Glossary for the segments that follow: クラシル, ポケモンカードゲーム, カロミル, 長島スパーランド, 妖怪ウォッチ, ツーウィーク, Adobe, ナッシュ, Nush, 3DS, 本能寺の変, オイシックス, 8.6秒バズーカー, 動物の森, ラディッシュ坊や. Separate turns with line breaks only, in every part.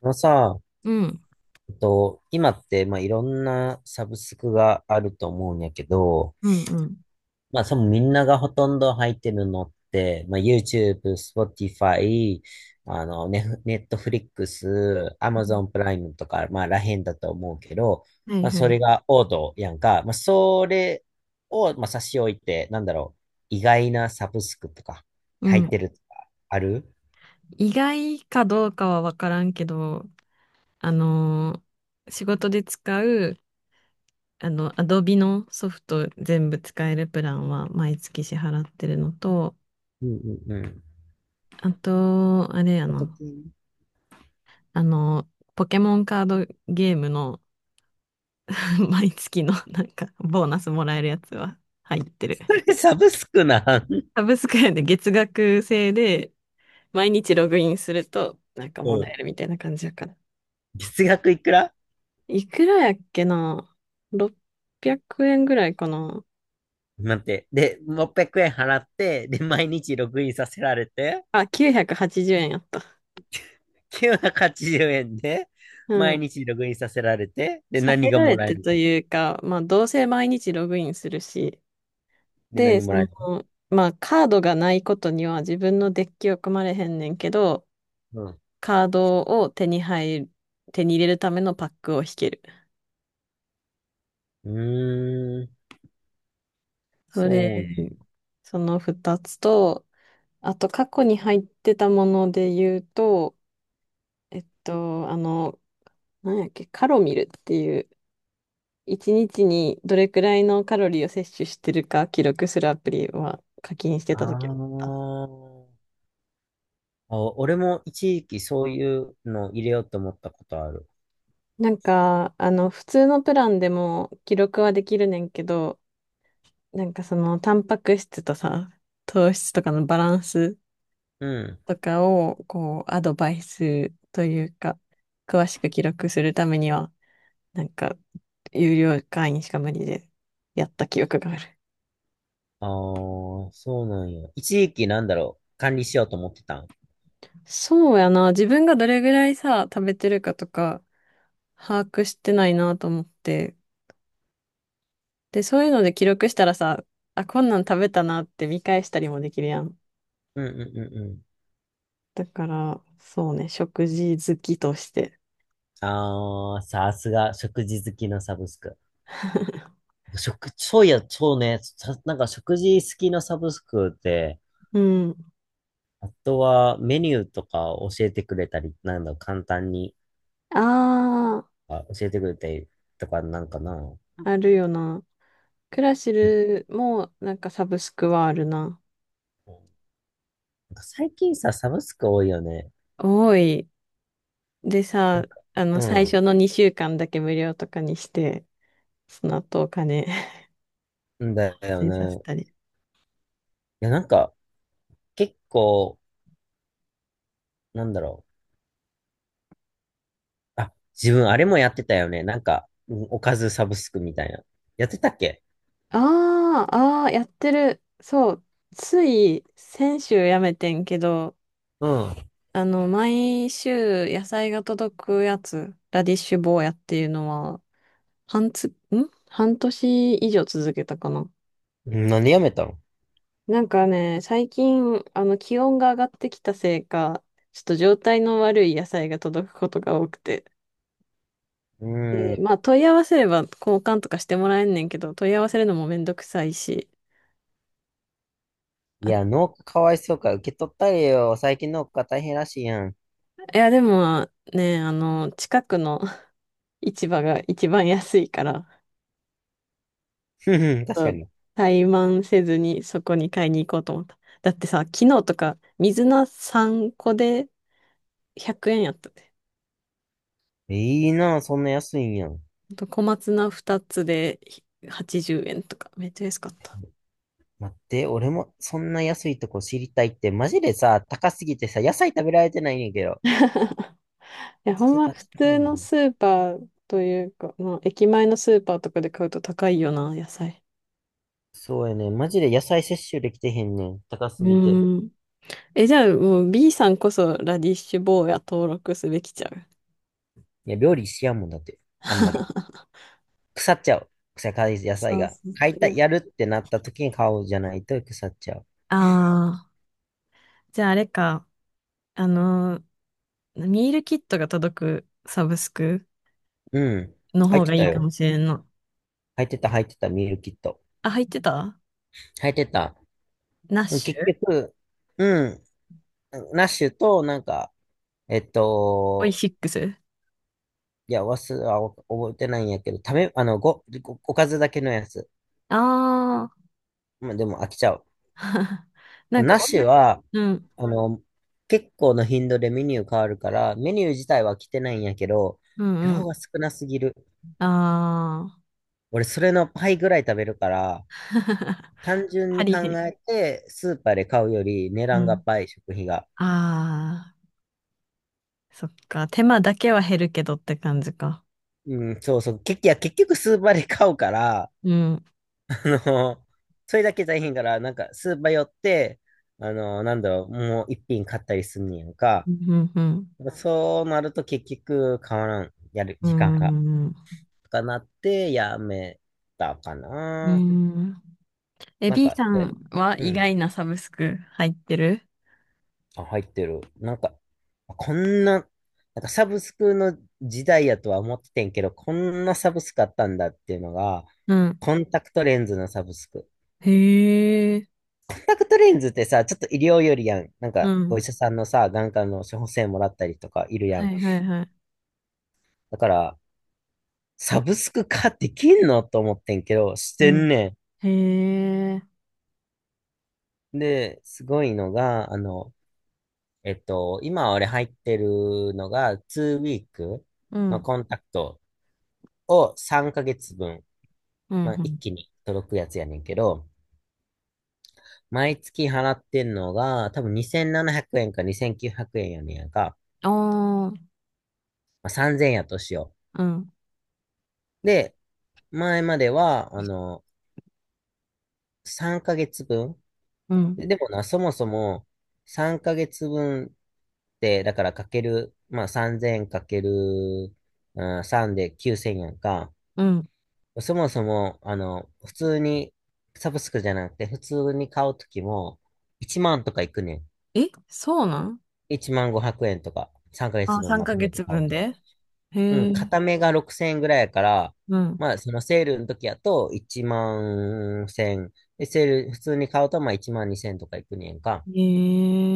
あのさ、
うん、
今って、いろんなサブスクがあると思うんやけど、
うん、うん。
そのみんながほとんど入ってるのって、YouTube、Spotify、ね、Netflix、Amazon プライムとか、らへんだと思うけど、
はいは
そ
い。
れが王道やんか。それを、差し置いて、なんだろう、意外なサブスクとか、
う
入っ
ん。
てるとか、ある？
意外かどうかはわからんけど、あのー仕事で使う、Adobe のソフト全部使えるプランは毎月支払ってるのと、
うんうんうん。
あと、あれやな、あの、ポケモンカードゲームの 毎月のなんかボーナスもらえるやつは入ってる。
サブスクなん？
サブスクやで、月額制で毎日ログインするとなんかも
う
らえ
ん。
るみたいな感じやから。
月額いくら？
いくらやっけな？ 600 円ぐらいかな
待って。で、600円払って、で、毎日ログインさせられて、
あ、980円やった。
980円で、
う
毎
ん。
日ログインさせられて、で、
さ
何
せ
が
ら
も
れ
らえ
て
る
と
の？
いうか、まあ、どうせ毎日ログインするし。
で、
で、
何も
そ
らえ
の、
る
まあ、カードがないことには自分のデッキを組まれへんねんけど、
の？
カードを手に入る、手に入れるためのパックを引ける。
うん。うーん、
それ、
そうなんだ。
その2つと、あと過去に入ってたもので言うと、えっと、あの、なんやっけ、カロミルっていう、一日にどれくらいのカロリーを摂取してるか記録するアプリは課金して
あ
た時だった。
ー。あ。俺も一時期そういうの入れようと思ったことある。
なんか、普通のプランでも記録はできるねんけど、なんかその、タンパク質とさ、糖質とかのバランス
うん。
とかを、こう、アドバイスというか、詳しく記録するためには、なんか、有料会員しか無理でやった記憶がある。
ああ、そうなんや。一時期なんだろう、管理しようと思ってたん？
そうやな。自分がどれぐらいさ、食べてるかとか、把握してないなと思って。で、そういうので記録したらさ、あ、こんなん食べたなって見返したりもできるやん。
うんうんうんうん。
だから、そうね、食事好きとして。
ああ、さすが、食事好きのサブスク。そういや、そうね、さなんか食事好きのサブスクで、
うん。
あとはメニューとか教えてくれたり、なんだ、簡単に、
あ
教えてくれたりとかなんかな？
あ、あるよな。クラシ
なんか
ルもなんかサブスクはあるな。
なんか最近さ、サブスク多いよね。
多い。で
な
さ、
んか、
最初の2週間だけ無料とかにして、その後お金
うん、だ よ
出させ
ね。
たり。
いや、なんか、結構、なんだろう。あ、自分あれもやってたよね。なんか、うん、おかずサブスクみたいな。やってたっけ？
ああ、ああ、やってる。そう。つい先週やめてんけど、
うん。
毎週野菜が届くやつ、ラディッシュ坊やっていうのは、半つ、ん半年以上続けたかな。
何やめたの？
なんかね、最近、気温が上がってきたせいか、ちょっと状態の悪い野菜が届くことが多くて。
う
で
ん。
まあ、問い合わせれば交換とかしてもらえんねんけど、問い合わせるのもめんどくさいし。
いや、
あ、
農家かわいそうか。受け取ったれよ。最近農家大変らしいやん。
いや、でもね、近くの市場が一番安いから、
ふふ、確
う
か
ん、
に。
怠慢せずにそこに買いに行こうと思った。だってさ、昨日とか水菜3個で100円やったで。
いいな、そんな安いんやん。
あと小松菜2つで80円とか、めっちゃ安かった。
待って、俺もそんな安いとこ知りたいって、マジでさ、高すぎてさ、野菜食べられてないねんやけど。
いや、ほん
スー
ま
パー
普
高
通
いの
の
に。
スーパーというか、まあ、駅前のスーパーとかで買うと高いよな、野菜。
そうやね。マジで野菜摂取できてへんねん。高
う
すぎて。
ーん。え、じゃあもう B さんこそラディッシュ坊や登録すべきちゃう？
いや、料理しやんもんだって。あんまり。腐っちゃう。腐かい野菜
そう
が。
そう
買いた、
そう。
やるってなった時に買おうじゃないと腐っちゃう。
ああー。じゃああれか、あのミールキットが届くサブスク
うん。
の
入っ
方
て
がい
た
いか
よ。
もしれんの。
入ってた、入ってた、ミールキット。
あ、入ってた。
入ってた。
ナッ
うん、
シ
結
ュ。
局、うん、ナッシュと、なんか、えっ
オイ
と、
シックス。
いや、忘れ、あ、覚えてないんやけど、ためあの、ご、ご、おかずだけのやつ。
ああ
まあ、でも飽きちゃう。
ー。なん
ナ
か、
ッシュは、
うん、
あの、結構の頻度でメニュー変わるから、メニュー自体は来てないんやけど、
うんう
量
ん。
が少なすぎる。
ああ。
俺、それの倍ぐらい食べるから、単純
あ
に
り
考
へん。
えて、スーパーで買うより値
う
段が
ん。
倍、食費が。
ああ、そっか。手間だけは減るけどって感じか。
うん、そうそう。結局、いや、結局スーパーで買うから、
うん。
あの、それだけ大変から、なんか、スーパー寄って、なんだろう、もう一品買ったりすんねやんか。
うん、うん、
そうなると結局、変わらん、やる
う
時間
ん。
が、
うん。
とかなって、やめたか
う
な。
ん。え、
なん
B
か、
さんは
う
意
ん。
外なサブスク入ってる？
あ、入ってる。なんか、こんな、なんかサブスクの時代やとは思っててんけど、こんなサブスクあったんだっていうのが、
うん。
コンタクトレンズのサブスク。
へえ、
コンタクトレンズってさ、ちょっと医療よりやん。なん
う
か、
ん。
お医者さんのさ、眼科の処方箋もらったりとかいるや
は
ん。
いはいはい。
だから、サブスク化できんのと思ってんけど、し
う
てん
ん。
ね
へえ、
ん。で、すごいのが、今俺入ってるのが、2ウィーク
う
の
ん。
コンタクトを3ヶ月分、
うん、う
まあ、一
ん。
気に届くやつやねんけど、毎月払ってんのが、多分2700円か2900円やねんやんか。
ああ、
まあ、3000円やとしよ
うん、
う。で、前までは、3ヶ月分。
うん、
で、でもな、そもそも3ヶ月分って、だからかける、まあ3000かける、うん、3で9000やんか。
うん。
そもそも、普通に、サブスクじゃなくて、普通に買うときも、1万とかいくねん。
え、そうなん？
1万500円とか、3ヶ
あ、
月分
3
まと
ヶ
めて買
月
う
分
と。
で？へ
うん、
え、
片目が6000円ぐらいやから、
うん。
まあ、そのセールの時やと1万1000。で、セール、普通に買うとまあ1万2000とかいくねんか。
へ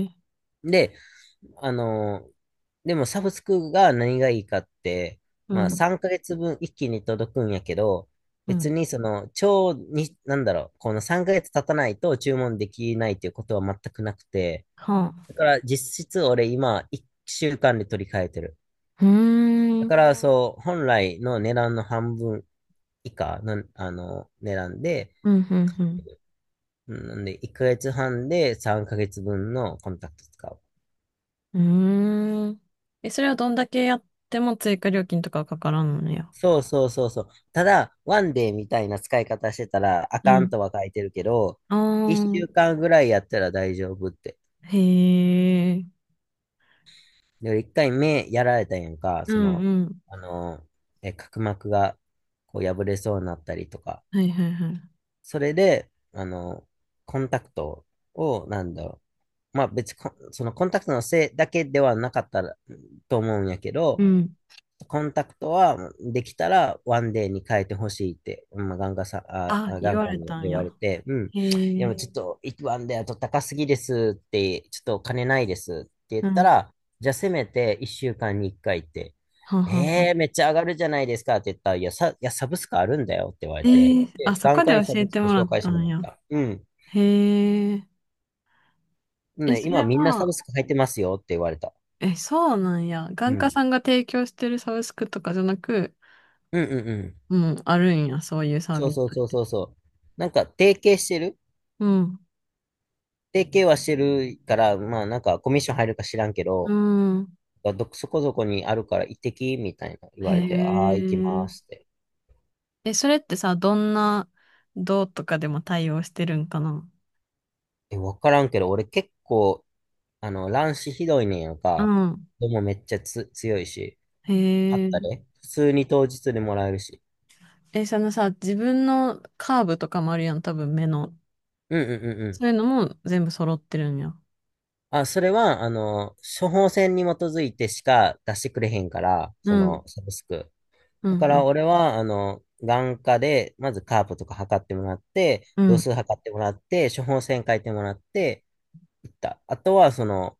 え、
で、あのーでもサブスクが何がいいかって、
う
まあ
ん、
3ヶ月分一気に届くんやけど、
う
別
ん。
にその、超に、なんだろう、この3ヶ月経たないと注文できないっていうことは全くなくて、
は
だ
あ。
から実質俺今1週間で取り替えてる。
うーん、
だ
うん、
からそう、本来の値段の半分以下の、値段で、
うん、
んなんで、1ヶ月半で3ヶ月分のコンタクト使う。
うん。うーん。え、それはどんだけやっても追加料金とかはかからんのや？
そうそうそうそう。ただ、ワンデーみたいな使い方してたら、あ
う
かん
ん。
とは書いてるけど、
あ
1
あ、
週間ぐらいやったら大丈夫って。
へえ、
で、1回目やられたんやんか、
う
そ
ん、
の、
うん。
あの、角膜がこう破れそうになったりとか。
はいはいはい。
それで、コンタクトを、なんだろう、まあ別に、そのコンタクトのせいだけではなかったらと思うんやけ
う
ど、
ん。
コンタクトはできたらワンデーに変えてほしいって、まあ、眼科さあ、
あ、
あ
言
眼
わ
科
れ
に
たん
言
や。
われて、うん。
へ
いや、も
え、
うちょっと、ワンデーだと高すぎですって、ちょっとお金ないですって言っ
う
た
ん。
ら、じゃあせめて1週間に1回って、
はんはんはん。
えー、めっちゃ上がるじゃないですかって言ったら、いや、サブスクあるんだよって言われて、
ええ、あ、
で、
そ
眼
こで
科にサ
教え
ブス
て
ク
もら
紹
っ
介し
た
ても
ん
らっ
や。
た。うん。
へえ。え、
ね、
そ
今
れ
みんなサ
は、
ブスク入ってますよって言われた。
え、そうなんや？
う
眼科
ん。
さんが提供してるサブスクとかじゃなく、
うんうんうん。
もうあるんや、そういうサー
そう
ビスっ
そうそう
て。
そうそう。なんか、
うん。
提携はしてるから、まあなんか、コミッション入るか知らんけ
う
ど、
ん。
そこそこにあるから行ってきみたいな言われて、あ
へ
あ、行きますっ
え。
て。
え、それってさ、どんな、どうとかでも対応してるんかな？
え、わからんけど、俺結構、乱視ひどいねんやん
う
か。
ん。
でもめっちゃ強いし、
へ
あった
え。
で。普通に当日でもらえるし。
え、そのさ、自分のカーブとかもあるやん、多分目の。
うんうんうんう
そ
ん。
ういうのも全部揃ってるんや？
あ、それは、処方箋に基づいてしか出してくれへんから、
う
そ
ん、
の、サブスク。
うん、
だ
う
から
ん、
俺は、眼科で、まずカープとか測ってもらって、
う
度
ん。
数測ってもらって、処方箋書いてもらって、行った。あとは、その、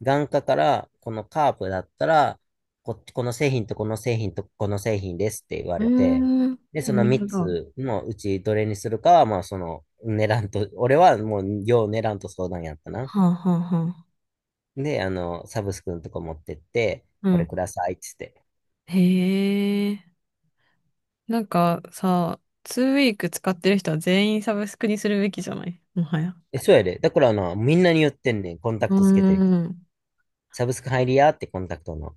眼科から、このカープだったら、この製品とこの製品とこの製品ですって言わ
うー
れて、
ん、
で、そ
な
の
る
3
ほど。は
つのうちどれにするかは、まあ、その、値段と、俺はもう、よう値段と相談やったな。
あ、はあ、はあ。
で、サブスクのとこ持ってって、
う
これ
ん。
くださいっつって。
へえ。なんかさ、ツーウィーク使ってる人は全員サブスクにするべきじゃない、もはや？
え、そうやで。だからな、みんなに言ってんねん。コンタ
う
ク
ー
トつけてる。
ん。
サブスク入りやってコンタクトの。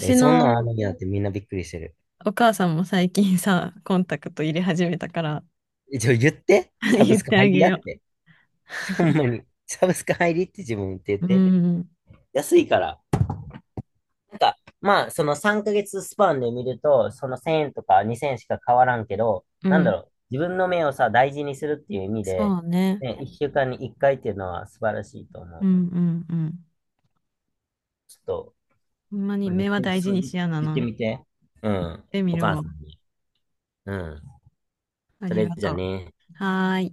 え、そんなんあ
の
るんやってみんなびっくりしてる。
お母さんも最近さ、コンタクト入れ始めたから、
え、言って。サ ブ
言っ
スク
てあ
入り
げ
やっ
よ
て。ほんまに。サブスク入りって自分言って
う。う
言って。
ん、
安いから。なんか、まあ、その3ヶ月スパンで見ると、その1000円とか2000円しか変わらんけど、
う
なんだ
ん。
ろう。自分の目をさ、大事にするっていう意味で、
そうね。
ね、1週間に1回っていうのは素晴らしいと思
う
う。
ん、うん、うん。
ちょっと、
ほんまに
これ言っ
目は
てみ、
大事にしやな
言って
な。
みて。うん。
で見
お
る
母さ
わ。
んに。うん。
あ
そ
り
れ
が
じゃ
とう。
ね。
はーい。